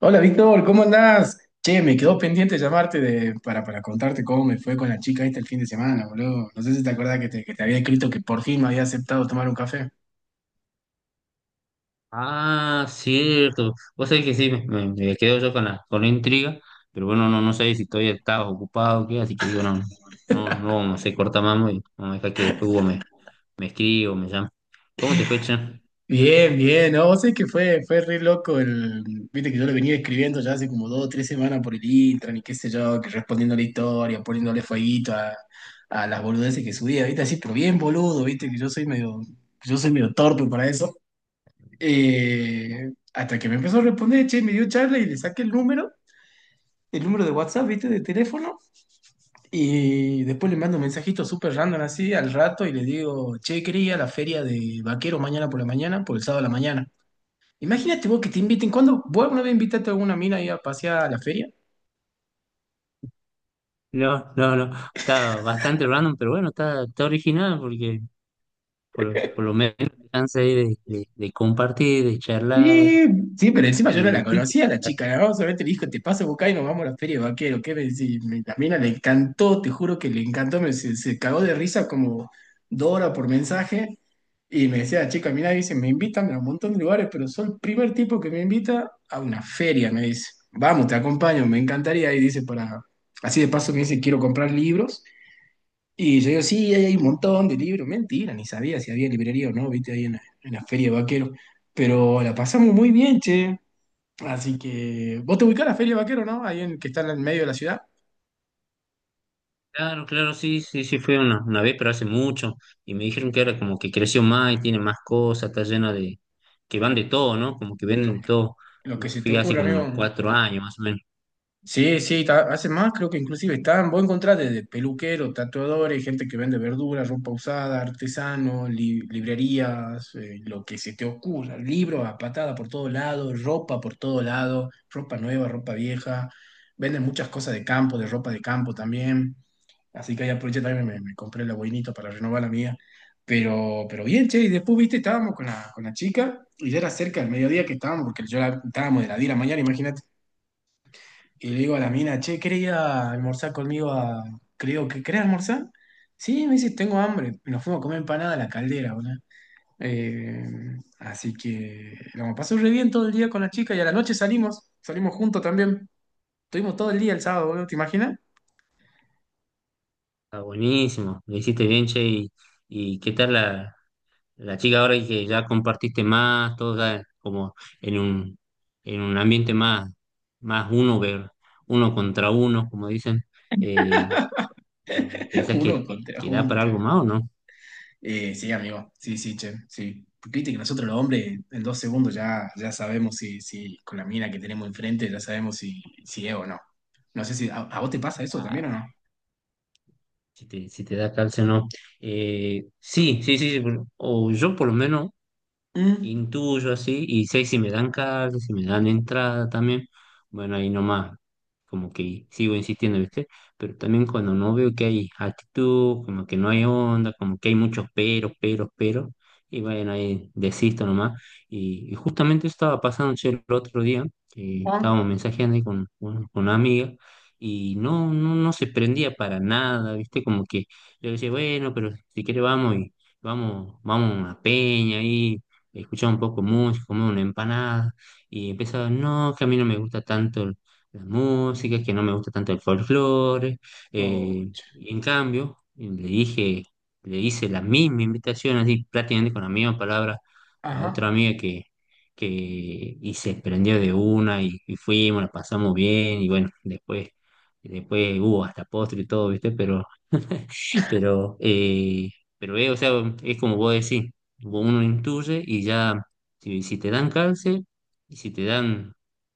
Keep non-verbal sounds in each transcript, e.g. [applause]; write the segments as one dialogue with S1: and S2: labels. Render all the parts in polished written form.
S1: Hola Víctor, ¿cómo andás? Che, me quedó pendiente llamarte para contarte cómo me fue con la chica esta el fin de semana, boludo. No sé si te acordás que te había escrito que por fin me había aceptado tomar un café.
S2: Ah, cierto. Vos sabés que sí, me quedo yo con la intriga, pero bueno, no sé si todavía estás ocupado o qué, así que digo, no, no, no, vamos a hacer cortamamo y vamos a dejar que después Hugo me escriba o me llame. ¿Cómo te fue, Chan?
S1: Bien, bien, no, vos sé que fue re loco viste que yo le venía escribiendo ya hace como 2 o 3 semanas por el Intran y qué sé yo, que respondiéndole historia, poniéndole fueguito a las boludeces que subía, viste, así, pero bien boludo, viste, que yo soy medio torpe para eso. Hasta que me empezó a responder, che, me dio charla y le saqué el número de WhatsApp, viste, de teléfono. Y después le mando un mensajito súper random así al rato y le digo, che, quería ir a la feria de vaquero mañana por la mañana, por el sábado a la mañana. Imagínate vos que te inviten, ¿cuándo? ¿Vos alguna vez invitaste a alguna mina ahí a pasear a la feria?
S2: No, no, no. Está bastante random, pero bueno, está original porque por lo menos te chance ahí de compartir, de charlar
S1: Sí, sí, pero encima yo no la
S2: sí.
S1: conocía la chica, ¿no? Solamente le dijo, te paso a buscar y nos vamos a la feria de vaquero. ¿Qué me decís? La mina le encantó, te juro que le encantó, se cagó de risa como Dora por mensaje. Y me decía la chica, mira, dice, me invitan a un montón de lugares, pero soy el primer tipo que me invita a una feria, me dice. Vamos, te acompaño, me encantaría. Y dice, así de paso me dice, quiero comprar libros y yo digo, sí, ahí hay un montón de libros. Mentira, ni sabía si había librería o no, viste, ahí en la Feria de Vaquero. Pero la pasamos muy bien, che. Así que, vos te ubicás en la Feria de Vaquero, ¿no? Ahí en, que está en el medio de la ciudad.
S2: Claro, claro, sí, sí, sí, fue una vez, pero hace mucho, y me dijeron que ahora como que creció más y tiene más cosas, está llena de, que van de todo, ¿no? Como que venden
S1: Lo,
S2: de todo.
S1: lo
S2: Yo
S1: que se te
S2: fui hace
S1: ocurra,
S2: como unos
S1: amigo.
S2: 4 años más o menos.
S1: Sí, sí, hace más, creo que inclusive están, vos encontrás desde peluqueros, tatuadores, gente que vende verduras, ropa usada, artesanos, librerías, lo que se te ocurra, libros a patada por todo lado, ropa por todo lado, ropa nueva, ropa vieja, venden muchas cosas de campo, de ropa de campo también, así que ahí aproveché también, me compré la boinita para renovar la mía, pero bien, che, y después, viste, estábamos con la chica y ya era cerca del mediodía que estábamos, porque estábamos de la 10 de la mañana, imagínate. Y le digo a la mina, che, quería almorzar conmigo Creo que querés almorzar. Sí, me dice, tengo hambre. Nos fuimos a comer empanada a la caldera, boludo. Eh, Así que lo pasó re bien todo el día con la chica y a la noche salimos, salimos juntos también. Estuvimos todo el día el sábado, boludo, ¿te imaginas?
S2: Está buenísimo, lo hiciste bien, che. ¿Y qué tal la chica ahora que ya compartiste más, todo ya como en un, en un ambiente más, más uno, ver, uno contra uno, como dicen, eh,
S1: [laughs]
S2: pensás que,
S1: Uno contra
S2: da para
S1: junto.
S2: algo más o no?
S1: Sí, amigo, sí, sí, che, sí. Porque viste que nosotros los hombres en 2 segundos ya, ya sabemos si, si con la mina que tenemos enfrente ya sabemos si, si es o no. No sé si a vos te pasa eso también o no.
S2: ¿Si te, da calce o no? Sí, sí, sí, sí, o yo por lo menos,
S1: Mm,
S2: intuyo así, y sé si me dan carta, si me dan entrada también, bueno, ahí nomás, como que sigo insistiendo, ¿viste? Pero también cuando no veo que hay actitud, como que no hay onda, como que hay muchos peros, peros, peros, y bueno, ahí desisto nomás. Y justamente eso estaba pasando, che, el otro día, que
S1: Juan.
S2: estábamos mensajeando ahí con una amiga, y no, no, no se prendía para nada, ¿viste? Como que yo decía, bueno, pero si quiere vamos y vamos a una peña ahí, escuchaba un poco música, comía una empanada y empezaba, no, que a mí no me gusta tanto la música, que no me gusta tanto el folclore. eh,
S1: Ouch.
S2: y en cambio, le hice la misma invitación, así prácticamente con la misma palabra, a otra
S1: Ajá.
S2: amiga que y se prendió de una, y fuimos, la pasamos bien y bueno, después hubo hasta postre y todo, ¿viste? Pero [laughs] Pero, eh, pero, o sea, es como vos decís, uno intuye y ya, si te dan cáncer, y si te dan,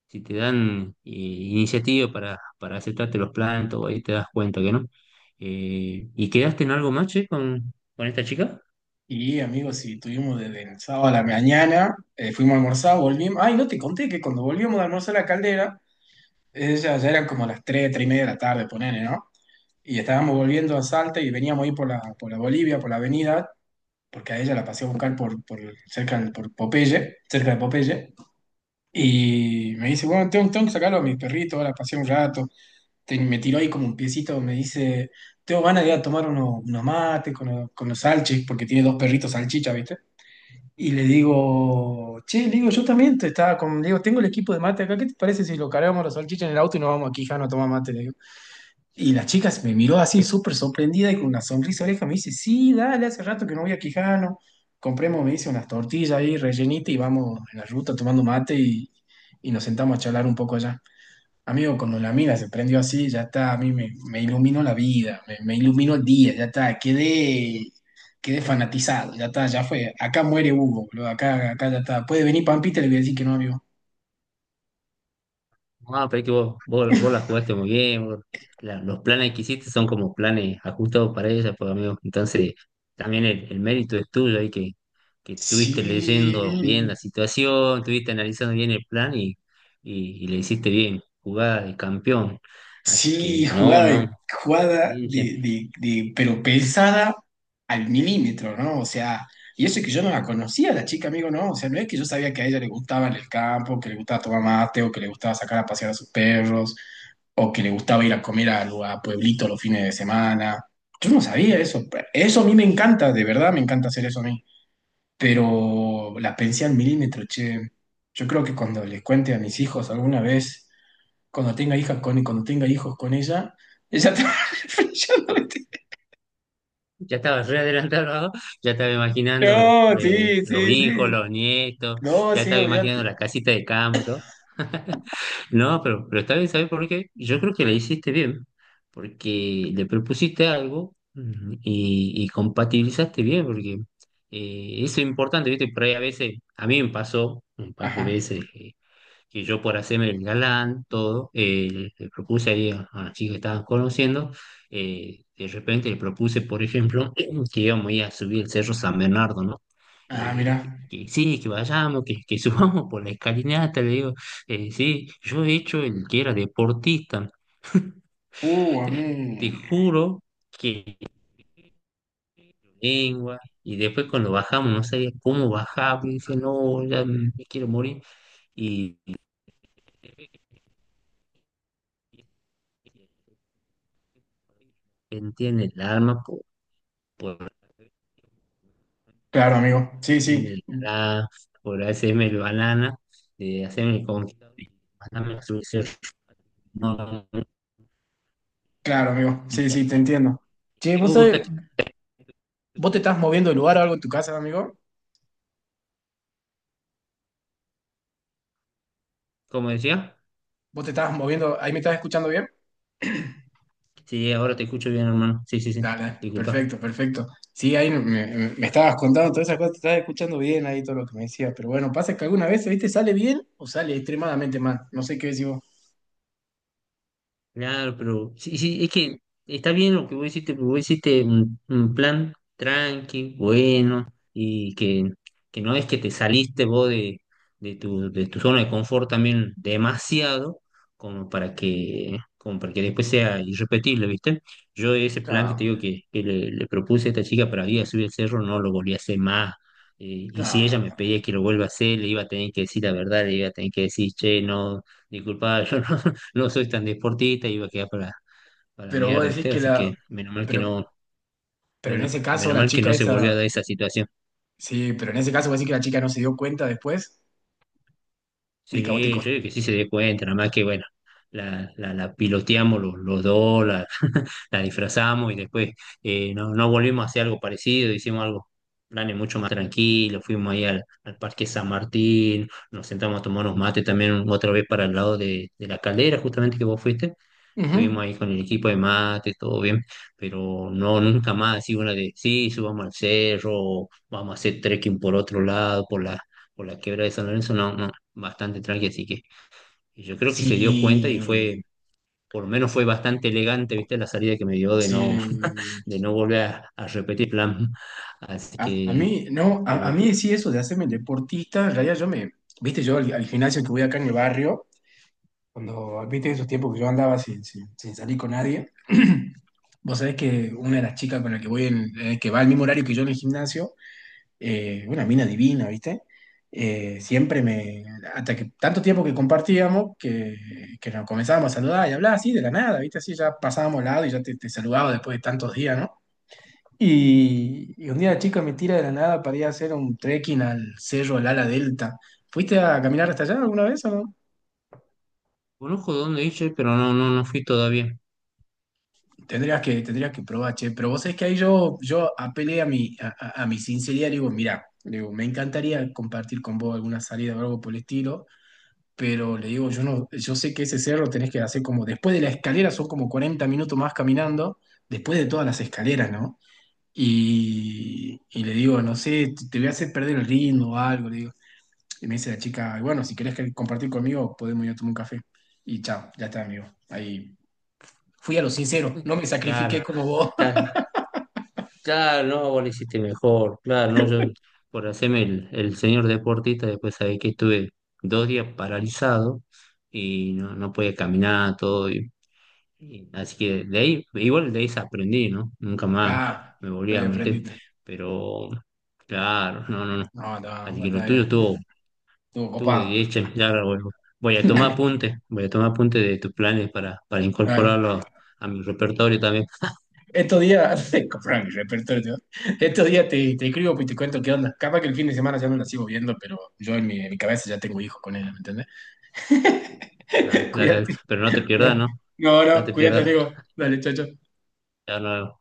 S2: iniciativa para aceptarte los planes, todo ahí te das cuenta que no. ¿Y quedaste en algo más, che, con esta chica?
S1: Y amigos, si tuvimos desde el sábado a la mañana, fuimos a almorzar, volvimos. Ay, no te conté que cuando volvíamos de almorzar a la caldera, ya eran como las tres y media de la tarde, ponele, ¿no? Y estábamos volviendo a Salta y veníamos ahí por la Bolivia, por la avenida, porque a ella la pasé a buscar por cerca por Popeye, cerca de Popeye. Y me dice, bueno, tengo que sacarlo a mis perritos, ahora pasé un rato. Me tiró ahí como un piecito, me dice, tengo ganas de ir a tomar unos mates con los salchis, porque tiene dos perritos salchicha, ¿viste? Y le digo, che, le digo, yo también le digo, tengo el equipo de mate acá, ¿qué te parece si lo cargamos los salchichas en el auto y nos vamos aquí, Jano, a tomar mate? Le digo. Y la chica se me miró así súper sorprendida y con una sonrisa oreja me dice, sí, dale, hace rato que no voy a Quijano. Compremos, me dice, unas tortillas ahí rellenitas y vamos en la ruta tomando mate y nos sentamos a charlar un poco allá. Amigo, cuando la mina se prendió así, ya está, a mí me iluminó la vida, me iluminó el día, ya está, quedé fanatizado, ya está, ya fue. Acá muere Hugo, boludo, acá, acá ya está. Puede venir Pampita, le voy a decir que no, amigo.
S2: Ah, pero es que vos la jugaste muy bien, los planes que hiciste son como planes ajustados para ella, pues amigo. Entonces, también el mérito es tuyo ahí que estuviste
S1: Sí,
S2: leyendo bien la situación, estuviste analizando bien el plan y le hiciste bien, jugada de campeón. Así
S1: sí,
S2: que, no,
S1: jugada,
S2: no,
S1: de-
S2: está
S1: jugada
S2: bien,
S1: de,
S2: che.
S1: de- de- pero pensada al milímetro, ¿no? O sea, y eso es que yo no la conocía, la chica, amigo, ¿no? O sea, no es que yo sabía que a ella le gustaba en el campo, que le gustaba tomar mate, o que le gustaba sacar a pasear a sus perros, o que le gustaba ir a comer a pueblito los fines de semana. Yo no sabía eso. Eso a mí me encanta, de verdad me encanta hacer eso a mí. Pero la pensé al milímetro, che. Yo creo que cuando les cuente a mis hijos alguna vez cuando tenga hijos con ella, ella te [laughs] va flasheando, ¿viste? [laughs]
S2: Ya estaba re adelantado, ¿no? Ya estaba imaginando
S1: No, no, sí,
S2: los
S1: sí,
S2: hijos,
S1: sí.
S2: los nietos,
S1: No,
S2: ya
S1: sí,
S2: estaba imaginando
S1: olvídate.
S2: la casita de campo, todo. [laughs] No, pero está bien, ¿sabes por qué? Yo creo que la hiciste bien, porque le propusiste algo, y compatibilizaste bien, porque eso es importante, ¿viste? Por ahí a veces, a mí me pasó un par de
S1: Ajá.
S2: veces que yo, por hacerme el galán, todo, le propuse ahí a la chica que estaban conociendo. De repente le propuse, por ejemplo, [clears throat] que íbamos a ir a subir el Cerro San Bernardo, ¿no?
S1: Ah, mira.
S2: Que sí, que vayamos, que [laughs] subamos por la escalinata, le digo. Sí, yo he hecho el que era deportista.
S1: A
S2: [laughs] Te
S1: mí.
S2: juro que lengua, y después cuando bajamos, no sabía cómo bajar, y dice, no, ya me quiero morir, y él tiene el alma por, por
S1: Claro, amigo. Sí,
S2: hacerme
S1: sí.
S2: el alá, por hacerme el banana, de hacerme con mandarme su... No, no, no,
S1: Claro, amigo. Sí, sí, te entiendo. Che,
S2: me
S1: ¿vos sabés,
S2: gusta,
S1: vos te estás moviendo de lugar o algo en tu casa, amigo?
S2: como decía.
S1: ¿Vos te estás moviendo? ¿Ahí me estás escuchando bien?
S2: Sí, ahora te escucho bien, hermano. Sí, sí, sí.
S1: Dale,
S2: Disculpa.
S1: perfecto, perfecto. Sí, ahí me estabas contando todas esas cosas, te estabas escuchando bien ahí todo lo que me decías, pero bueno, pasa que alguna vez, ¿viste? Sale bien o sale extremadamente mal. No sé qué decís vos.
S2: Claro, pero sí, sí, es que está bien lo que vos hiciste, porque vos hiciste un plan tranqui, bueno, y que no es que te saliste vos de tu zona de confort también demasiado, como para que después sea irrepetible, ¿viste? Yo ese plan que te
S1: Ah,
S2: digo que le propuse a esta chica para ir a subir el cerro, no lo volví a hacer más. Y si ella me
S1: ah,
S2: pedía que lo vuelva a hacer, le iba a tener que decir la verdad, le iba a tener que decir, che, no, disculpa, [laughs] yo no soy tan deportista, iba a quedar para, la
S1: pero vos
S2: mierda,
S1: decís
S2: ¿viste?
S1: que
S2: Así
S1: la...
S2: que menos mal que
S1: Pero,
S2: no,
S1: pero en ese caso
S2: menos
S1: la
S2: mal que
S1: chica
S2: no se volvió a
S1: esa...
S2: dar esa situación.
S1: Sí, pero en ese caso vos decís que la chica no se dio cuenta después de que a vos te
S2: Sí, yo
S1: costó.
S2: digo que sí se dé cuenta, nada más que bueno, la piloteamos los dos, [laughs] la disfrazamos y después no volvimos a hacer algo parecido, hicimos algo, planes mucho más tranquilos, fuimos ahí al Parque San Martín, nos sentamos a tomar unos mates también otra vez para el lado de la caldera, justamente que vos fuiste, fuimos
S1: Ujú.
S2: ahí con el equipo de mate, todo bien, pero no, nunca más así una de, sí, subamos al cerro, vamos a hacer trekking por otro lado, por la quebrada de San Lorenzo, no, bastante tranqui. Así que yo creo que se dio cuenta y
S1: Sí,
S2: fue, por lo menos fue bastante elegante, ¿viste? La salida que me dio, de no, [laughs]
S1: sí.
S2: de no volver a repetir plan. Así
S1: A
S2: que,
S1: mí, no, a
S2: pero
S1: mí sí eso de hacerme el deportista, en realidad yo me... Viste, yo al al gimnasio que voy acá en el barrio. Cuando viste esos tiempos que yo andaba sin salir con nadie, [clears throat] vos sabés que una de
S2: sí,
S1: las chicas con la que voy, que va al mismo horario que yo en el gimnasio, una mina divina, ¿viste? Siempre me, hasta que tanto tiempo que compartíamos, que nos comenzábamos a saludar y hablar así de la nada, ¿viste? Así ya pasábamos al lado y ya te saludaba después de tantos días, ¿no? Y un día la chica me tira de la nada para ir a hacer un trekking al cerro Lala Delta. ¿Fuiste a caminar hasta allá alguna vez o no?
S2: conozco dónde hice, pero no, no, no fui todavía.
S1: Tendrías que probar, che. Pero vos sabés que ahí yo apelé a mi sinceridad, le digo, mirá, le digo, me encantaría compartir con vos alguna salida o algo por el estilo, pero le digo, yo no, yo sé que ese cerro tenés que hacer como después de la escalera, son como 40 minutos más caminando, después de todas las escaleras, ¿no? Y le digo, no sé, te voy a hacer perder el ritmo o algo, le digo. Y me dice la chica, bueno, si querés compartir conmigo, podemos ir a tomar un café. Y chao, ya está, amigo. Ahí fui a lo sincero, no me sacrifiqué
S2: Claro,
S1: como vos.
S2: claro, claro, no, vos lo hiciste mejor, claro, no, yo, por hacerme el señor deportista, después sabés que estuve 2 días paralizado y no podía caminar, todo, y así que de ahí, igual de ahí se aprendí, ¿no? Nunca más
S1: Ah,
S2: me volví
S1: de ahí
S2: a meter.
S1: aprendiste.
S2: Pero claro, no, no, no.
S1: No, no,
S2: Así que lo tuyo
S1: batalla.
S2: estuvo,
S1: Estuvo copado.
S2: de hecho. Ya ahora vuelvo.
S1: [laughs]
S2: Voy a tomar apuntes de tus planes para,
S1: Dale,
S2: incorporarlo
S1: dale.
S2: a mi repertorio también.
S1: Estos días, [laughs] compraron mi repertorio. Estos días te escribo pues, y te cuento qué onda. Capaz que el fin de semana ya no la sigo viendo, pero yo en mi cabeza ya tengo hijos con ella, ¿me entendés?
S2: Dale,
S1: [laughs]
S2: dale,
S1: Cuídate,
S2: dale. Pero no te pierdas,
S1: cuídate.
S2: ¿no?
S1: No,
S2: No
S1: no,
S2: te
S1: cuídate,
S2: pierdas.
S1: amigo. Dale, chao, chao.
S2: Ya no.